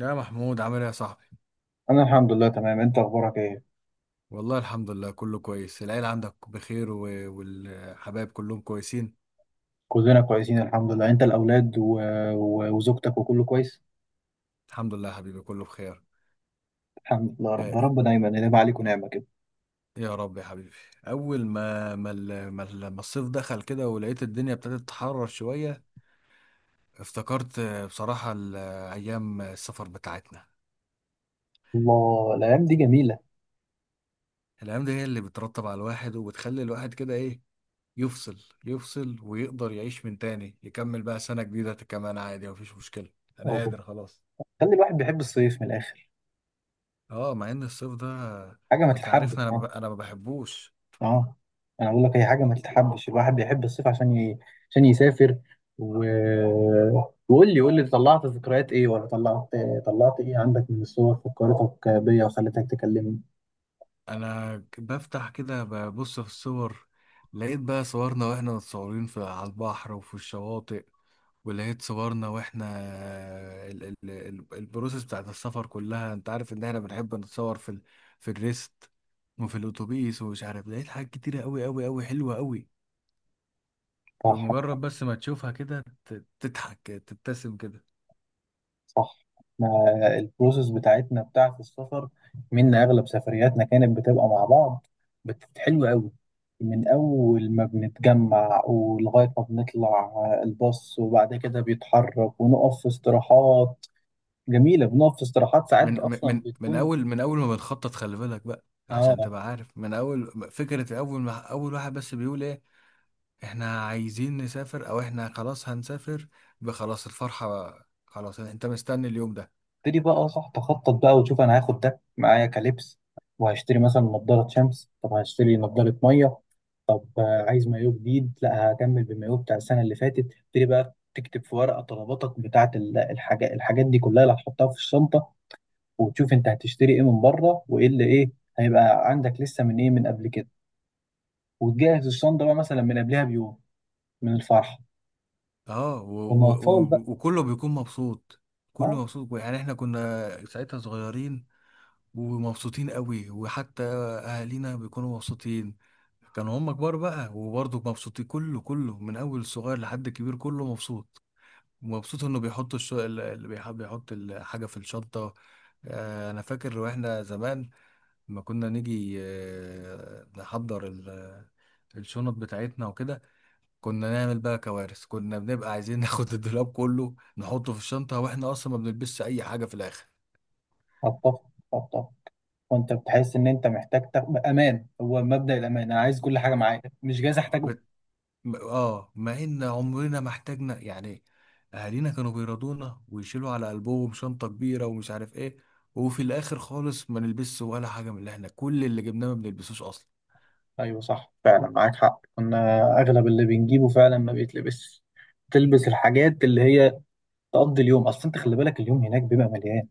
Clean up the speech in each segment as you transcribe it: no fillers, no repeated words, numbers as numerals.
يا محمود، عامل ايه يا صاحبي؟ انا الحمد لله تمام. انت اخبارك ايه؟ والله الحمد لله كله كويس، العيلة عندك بخير و... والحبايب كلهم كويسين. كلنا كويسين الحمد لله. انت الاولاد و... و... وزوجتك وكله كويس. الحمد لله يا حبيبي، كله بخير. الحمد لله. رب آه. رب دايما ينعم عليك ونعمه كده. يا رب يا حبيبي. اول ما الصيف دخل كده ولقيت الدنيا ابتدت تحرر شوية، افتكرت بصراحة ايام السفر بتاعتنا. الله، الايام دي جميله. الايام دي هي اللي بترتب على الواحد وبتخلي الواحد كده ايه، يفصل. يفصل ويقدر يعيش من تاني، يكمل بقى سنة جديدة كمان، عادي مفيش مشكلة. انا أوه. قادر خلاص. خلي الواحد بيحب الصيف من الاخر. اه، مع ان الصيف ده حاجه ما انت تتحبش، عارفني، اه. انا ما بحبوش. اه. انا بقول لك هي حاجه ما تتحبش، الواحد بيحب الصيف عشان عشان يسافر. و... وقول لي قول لي طلعت ذكريات ايه ولا طلعت؟ طلعت ايه عندك من الصور فكرتك بيا وخلتك تكلمني؟ بفتح كده ببص في الصور، لقيت بقى صورنا واحنا متصورين في على البحر وفي الشواطئ. ولقيت صورنا واحنا البروسيس بتاعت السفر كلها، انت عارف ان احنا بنحب نتصور في في الريست وفي الاتوبيس، ومش عارف لقيت حاجات كتيرة قوي قوي قوي، حلوة قوي. صح، بمجرد بس ما تشوفها كده تضحك، تبتسم كده. صح. احنا البروسيس بتاعتنا بتاعة السفر، منا اغلب سفرياتنا كانت بتبقى مع بعض، حلوه قوي. من اول ما بنتجمع ولغايه ما بنطلع الباص، وبعد كده بيتحرك ونقف في استراحات جميله. بنقف في استراحات ساعات من من اصلا من من بتكون. اول من اول ما بنخطط، خلي بالك بقى اه، عشان تبقى عارف، من اول فكرة، اول ما اول واحد بس بيقول ايه، احنا عايزين نسافر او احنا خلاص هنسافر، بخلاص الفرحة. خلاص انت مستني اليوم ده. ابتدي بقى، صح، تخطط بقى وتشوف انا هاخد ده معايا كلبس، وهشتري مثلا نضاره شمس، طب هشتري نضاره ميه، طب عايز مايو جديد، لا هكمل بالمايو بتاع السنه اللي فاتت. ابتدي بقى تكتب في ورقه طلباتك بتاعه الحاجات دي كلها اللي هتحطها في الشنطه، وتشوف انت هتشتري ايه من بره وايه اللي ايه هيبقى عندك لسه من ايه من قبل كده، وتجهز الشنطه بقى مثلا من قبلها بيوم من الفرحه. اه، كنا اطفال بقى. وكله بيكون مبسوط. ما. كله مبسوط، يعني احنا كنا ساعتها صغيرين ومبسوطين قوي، وحتى اهالينا بيكونوا مبسوطين. كانوا هم كبار بقى وبرضه مبسوطين، كله كله من اول الصغير لحد الكبير كله مبسوط. مبسوط انه بيحط اللي بيحب بيحط الحاجه في الشنطه. انا فاكر واحنا زمان لما كنا نيجي نحضر الشنط بتاعتنا وكده، كنا نعمل بقى كوارث، كنا بنبقى عايزين ناخد الدولاب كله نحطه في الشنطه، واحنا اصلا ما بنلبسش اي حاجه في الاخر. اتفق، اتفق. وانت بتحس ان انت محتاج تاخد امان، هو مبدأ الامان، انا عايز كل حاجه معايا مش جايز احتاجه. بت... م- اه مع ان عمرنا ما احتاجنا يعني. اهالينا كانوا بيرضونا ويشيلوا على قلبهم شنطه كبيره ومش عارف ايه، وفي الاخر خالص ما نلبسش ولا حاجه، من اللي احنا كل اللي جبناه ما بنلبسوش اصلا. ايوه صح، فعلا معاك حق، كنا اغلب اللي بنجيبه فعلا ما بيتلبس. تلبس الحاجات اللي هي تقضي اليوم، اصل انت خلي بالك اليوم هناك بيبقى مليان.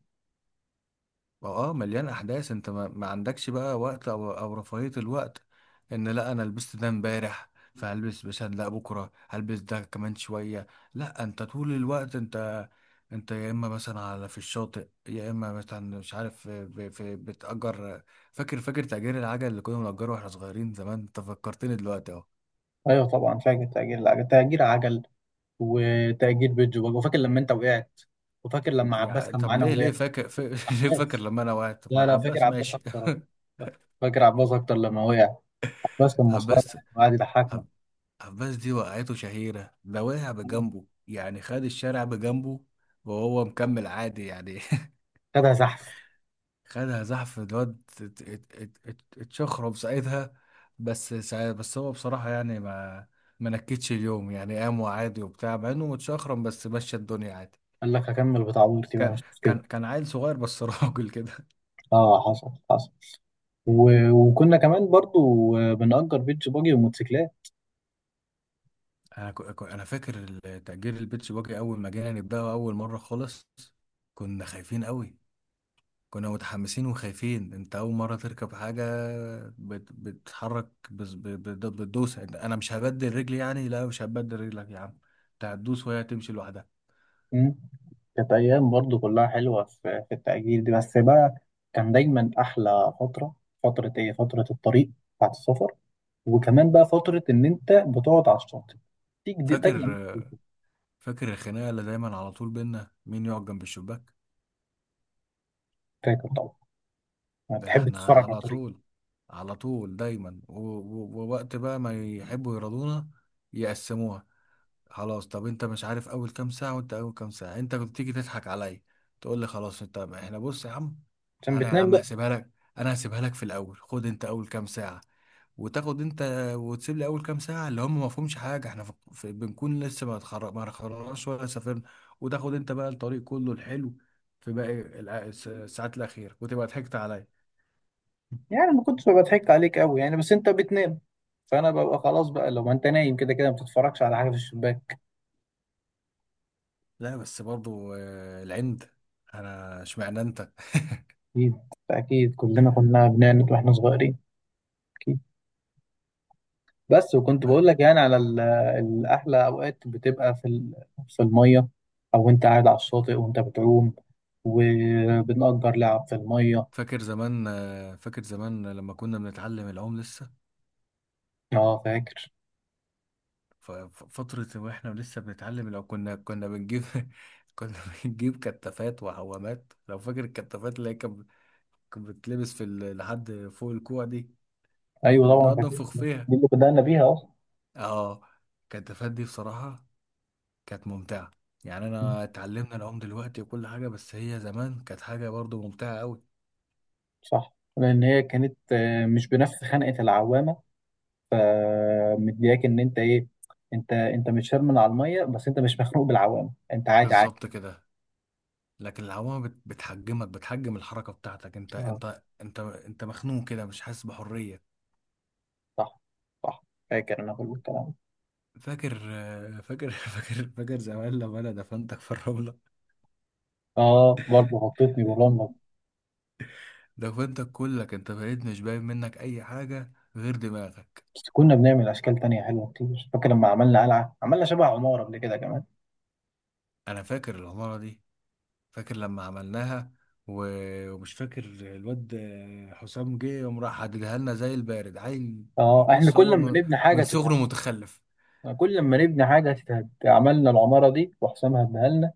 ما اه مليان احداث، انت ما عندكش بقى وقت او رفاهية الوقت ان لا انا لبست ده امبارح، فهلبس مثلا، لا بكره هلبس ده كمان شوية. لا، انت طول الوقت انت، انت يا اما مثلا على في الشاطئ، يا اما مثلا مش عارف في بتأجر. فاكر تأجير العجل اللي كنا بنأجره واحنا صغيرين زمان؟ انت فكرتني دلوقتي اهو. ايوه طبعا فاكر، تأجير العجل، تأجير عجل وتأجير بيت جوباج. وفاكر لما انت وقعت، وفاكر لما عباس يعني كان طب معانا ليه ووقع. ليه ليه فاكر عباس، لما انا وقعت؟ ما لا لا، فاكر عباس عباس ماشي. اكتر. آه. فاكر عباس اكتر لما وقع. عباس كان مسخره عباس يعني وقعد يضحكنا. عباس دي وقعته شهيرة، ده وقع بجنبه، يعني خد الشارع بجنبه وهو مكمل عادي يعني خدها زحف. خدها زحف الواد، اتشخرب ساعتها. بس هو بصراحة يعني ما نكتش اليوم يعني، قام وعادي وبتاع، مع انه متشخرم بس مشى الدنيا عادي. قال لك هكمل بتاع عمرتي بقى، كان مش كان مشكلة. كان عيل صغير بس راجل كده. اه، حصل حصل. و... وكنا كمان برضو بنأجر بيتش باجي وموتوسيكلات. انا فاكر تأجير البيتش باجي اول ما جينا نبداه اول مرة خالص، كنا خايفين قوي. كنا متحمسين وخايفين، انت اول مره تركب حاجه بتتحرك، بتدوس، انا مش هبدل رجلي يعني، لا مش هبدل رجلك يا عم، انت هتدوس وهي هتمشي لوحدها. مم. كانت أيام برضو كلها حلوة، في التأجير دي بس بقى كان دايما أحلى فترة. فترة إيه؟ فترة الطريق بتاعت السفر. وكمان بقى فترة إن أنت بتقعد على الشاطئ تيجي دي، ده فاكر جميل. فاكر الخناقه اللي دايما على طول بينا مين يقعد جنب الشباك؟ فاكر طبعا، ما ده بتحب احنا تتفرج على على الطريق. طول، على طول دايما، ووقت بقى ما يحبوا يرضونا، يقسموها. خلاص، طب انت مش عارف اول كام ساعة، وانت اول كام ساعة انت كنت تيجي تضحك عليا، تقول لي خلاص انت ما احنا بص يا عم. عشان انا يا بتنام عم بقى. هسيبها لك، انا هسيبها لك في الاول، خد انت اول كام ساعة وتاخد انت، وتسيب لي اول كام ساعة اللي هم ما فيهمش حاجة، احنا بنكون لسه ما اتخرجناش ولا سافرنا، وتاخد انت بقى الطريق كله الحلو في باقي الساعات الأخيرة، وتبقى ضحكت عليا. يعني ما كنتش بضحك عليك قوي يعني، بس أنت بتنام فأنا ببقى خلاص بقى، لو ما أنت نايم كده كده ما بتتفرجش على حاجة في الشباك. لا بس برضو العند، انا اشمعنى انت؟ أكيد، أكيد كلنا كنا بنعند وإحنا صغيرين، أكيد. بس وكنت بقول لك يعني على الأحلى أوقات بتبقى في في المية، أو أنت قاعد على الشاطئ وأنت بتعوم وبنأجر لعب في المية. فاكر زمان، لما كنا بنتعلم العوم لسه؟ أه فاكر. فترة واحنا لسه بنتعلم، لو كنا بنجيب كنا بنجيب كتافات وعوامات، لو فاكر الكتافات اللي هي كانت، كانت بتتلبس في لحد فوق الكوع دي، أيوه طبعا بنقعد فاكر ننفخ دي، فيها. اللي بدأنا بيها أصلا. اه، الكتافات دي بصراحة كانت ممتعة، يعني انا اتعلمنا العوم دلوقتي وكل حاجة، بس هي زمان كانت حاجة برضو ممتعة قوي. صح، لأن هي كانت مش بنفس خنقة العوامة، فمدياك إن أنت إيه، أنت مش شرمن على المية، بس أنت مش مخنوق بالعوامة، أنت عادي عادي. بالظبط كده. لكن العوامة بتحجمك، بتحجم الحركة بتاعتك، انت أه، انت انت انت مخنوق كده، مش حاسس بحرية. صح، صح. فاكر أنا كل الكلام ده. فاكر فاكر زمان لما انا دفنتك في الرملة؟ اه برضه حطيتني بولندا. دفنتك كلك، انت بقيت مش باين منك اي حاجة غير دماغك. بس كنا بنعمل اشكال تانية حلوه كتير، فاكر لما عملنا قلعه، عملنا شبه عماره قبل كده كمان. انا فاكر العمارة دي، فاكر لما عملناها. ومش فاكر الواد حسام جه يوم راح حددها لنا زي البارد عيل؟ اه، احنا بص كل هو ما من نبني حاجه من تتهد. صغره متخلف. كل ما نبني حاجه تتهد، عملنا العماره دي وحسام هدها لنا.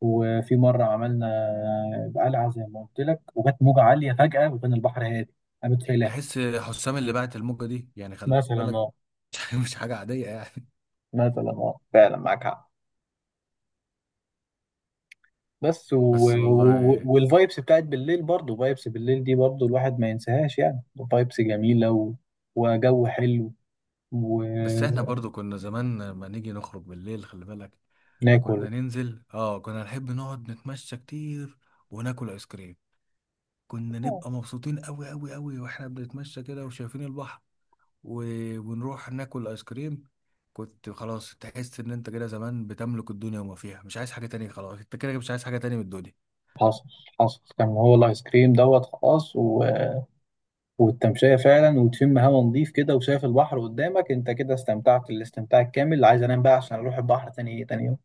وفي مره عملنا قلعه زي ما قلت لك، وجت موجه عاليه فجاه وكان البحر هادي، قامت شايلاها. تحس حسام اللي بعت الموجة دي؟ يعني خلي مثلا بالك. اه مش حاجة عادية يعني. مثلا اه فعلا معاك حق. بس و... بس و... والله. والفايبس بتاعت بالليل، برضه فايبس بالليل دي برضه الواحد ما ينساهاش يعني. فايبس جميله و... وجو حلو، بس احنا وناكل. برضو كنا زمان لما نيجي نخرج بالليل، خلي بالك، كنا ننزل، كنا نحب نقعد نتمشى كتير وناكل ايس كريم، كنا نبقى مبسوطين قوي قوي قوي، واحنا بنتمشى كده وشايفين البحر و... ونروح ناكل ايس كريم. كنت خلاص تحس ان انت كده زمان بتملك الدنيا وما فيها، مش عايز حاجة تانية خلاص، انت كده مش عايز حاجة تانية من الدنيا. حصل، حصل، كان هو الايس كريم دوت خلاص، و... والتمشية فعلا، وتشم هوا نضيف كده وشايف البحر قدامك، انت كده استمتعت الاستمتاع الكامل. عايز انام بقى عشان اروح البحر تاني يوم.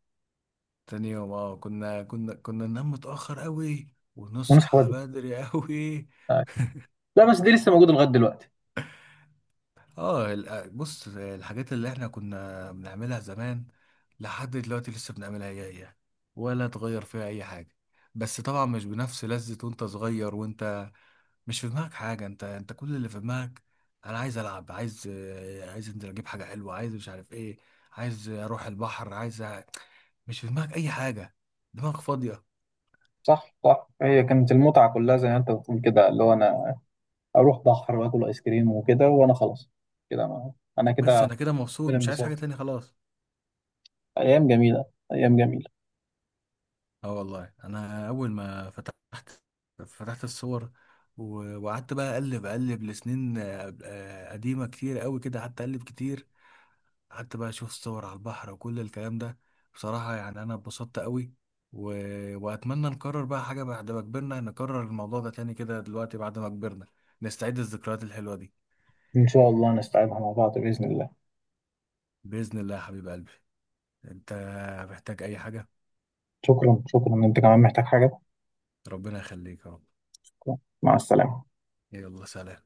تاني يوم اه، كنا ننام متأخر قوي، ونصحى ونصحى بدري. بدري قوي. آه. لا بس دي لسه موجودة لغاية دلوقتي. اه، بص، الحاجات اللي احنا كنا بنعملها زمان لحد دلوقتي لسه بنعملها هي هي، ولا اتغير فيها اي حاجة. بس طبعا مش بنفس لذة وانت صغير، وانت مش في دماغك حاجة. انت كل اللي في دماغك، انا عايز العب، عايز عايز انزل اجيب حاجة حلوة، عايز مش عارف ايه، عايز اروح البحر، مش في دماغك اي حاجة، دماغك فاضية. صح، صح، هي كانت المتعة كلها زي ما انت بتقول كده، اللي هو انا اروح بحر واكل ايس كريم وكده، وانا خلاص. كده ما. انا بس كده انا كده مبسوط، مش عايز بالانبساط. حاجة تاني خلاص. ايام جميلة، ايام جميلة. اه والله، انا اول ما فتحت، فتحت الصور وقعدت بقى اقلب، لسنين قديمه كتير قوي كده، قعدت اقلب كتير، قعدت بقى اشوف صور على البحر وكل الكلام ده. بصراحه يعني انا اتبسطت قوي و... واتمنى نكرر بقى حاجه بعد ما كبرنا، نكرر الموضوع ده تاني كده دلوقتي بعد ما كبرنا، نستعيد الذكريات الحلوه دي. ان شاء الله نستعيدها مع بعض بإذن الله. باذن الله يا حبيب قلبي. انت محتاج اي حاجه؟ شكرا، شكرا، انت كمان محتاج حاجة؟ ربنا يخليك يا رب. مع السلامة. يلا سلام.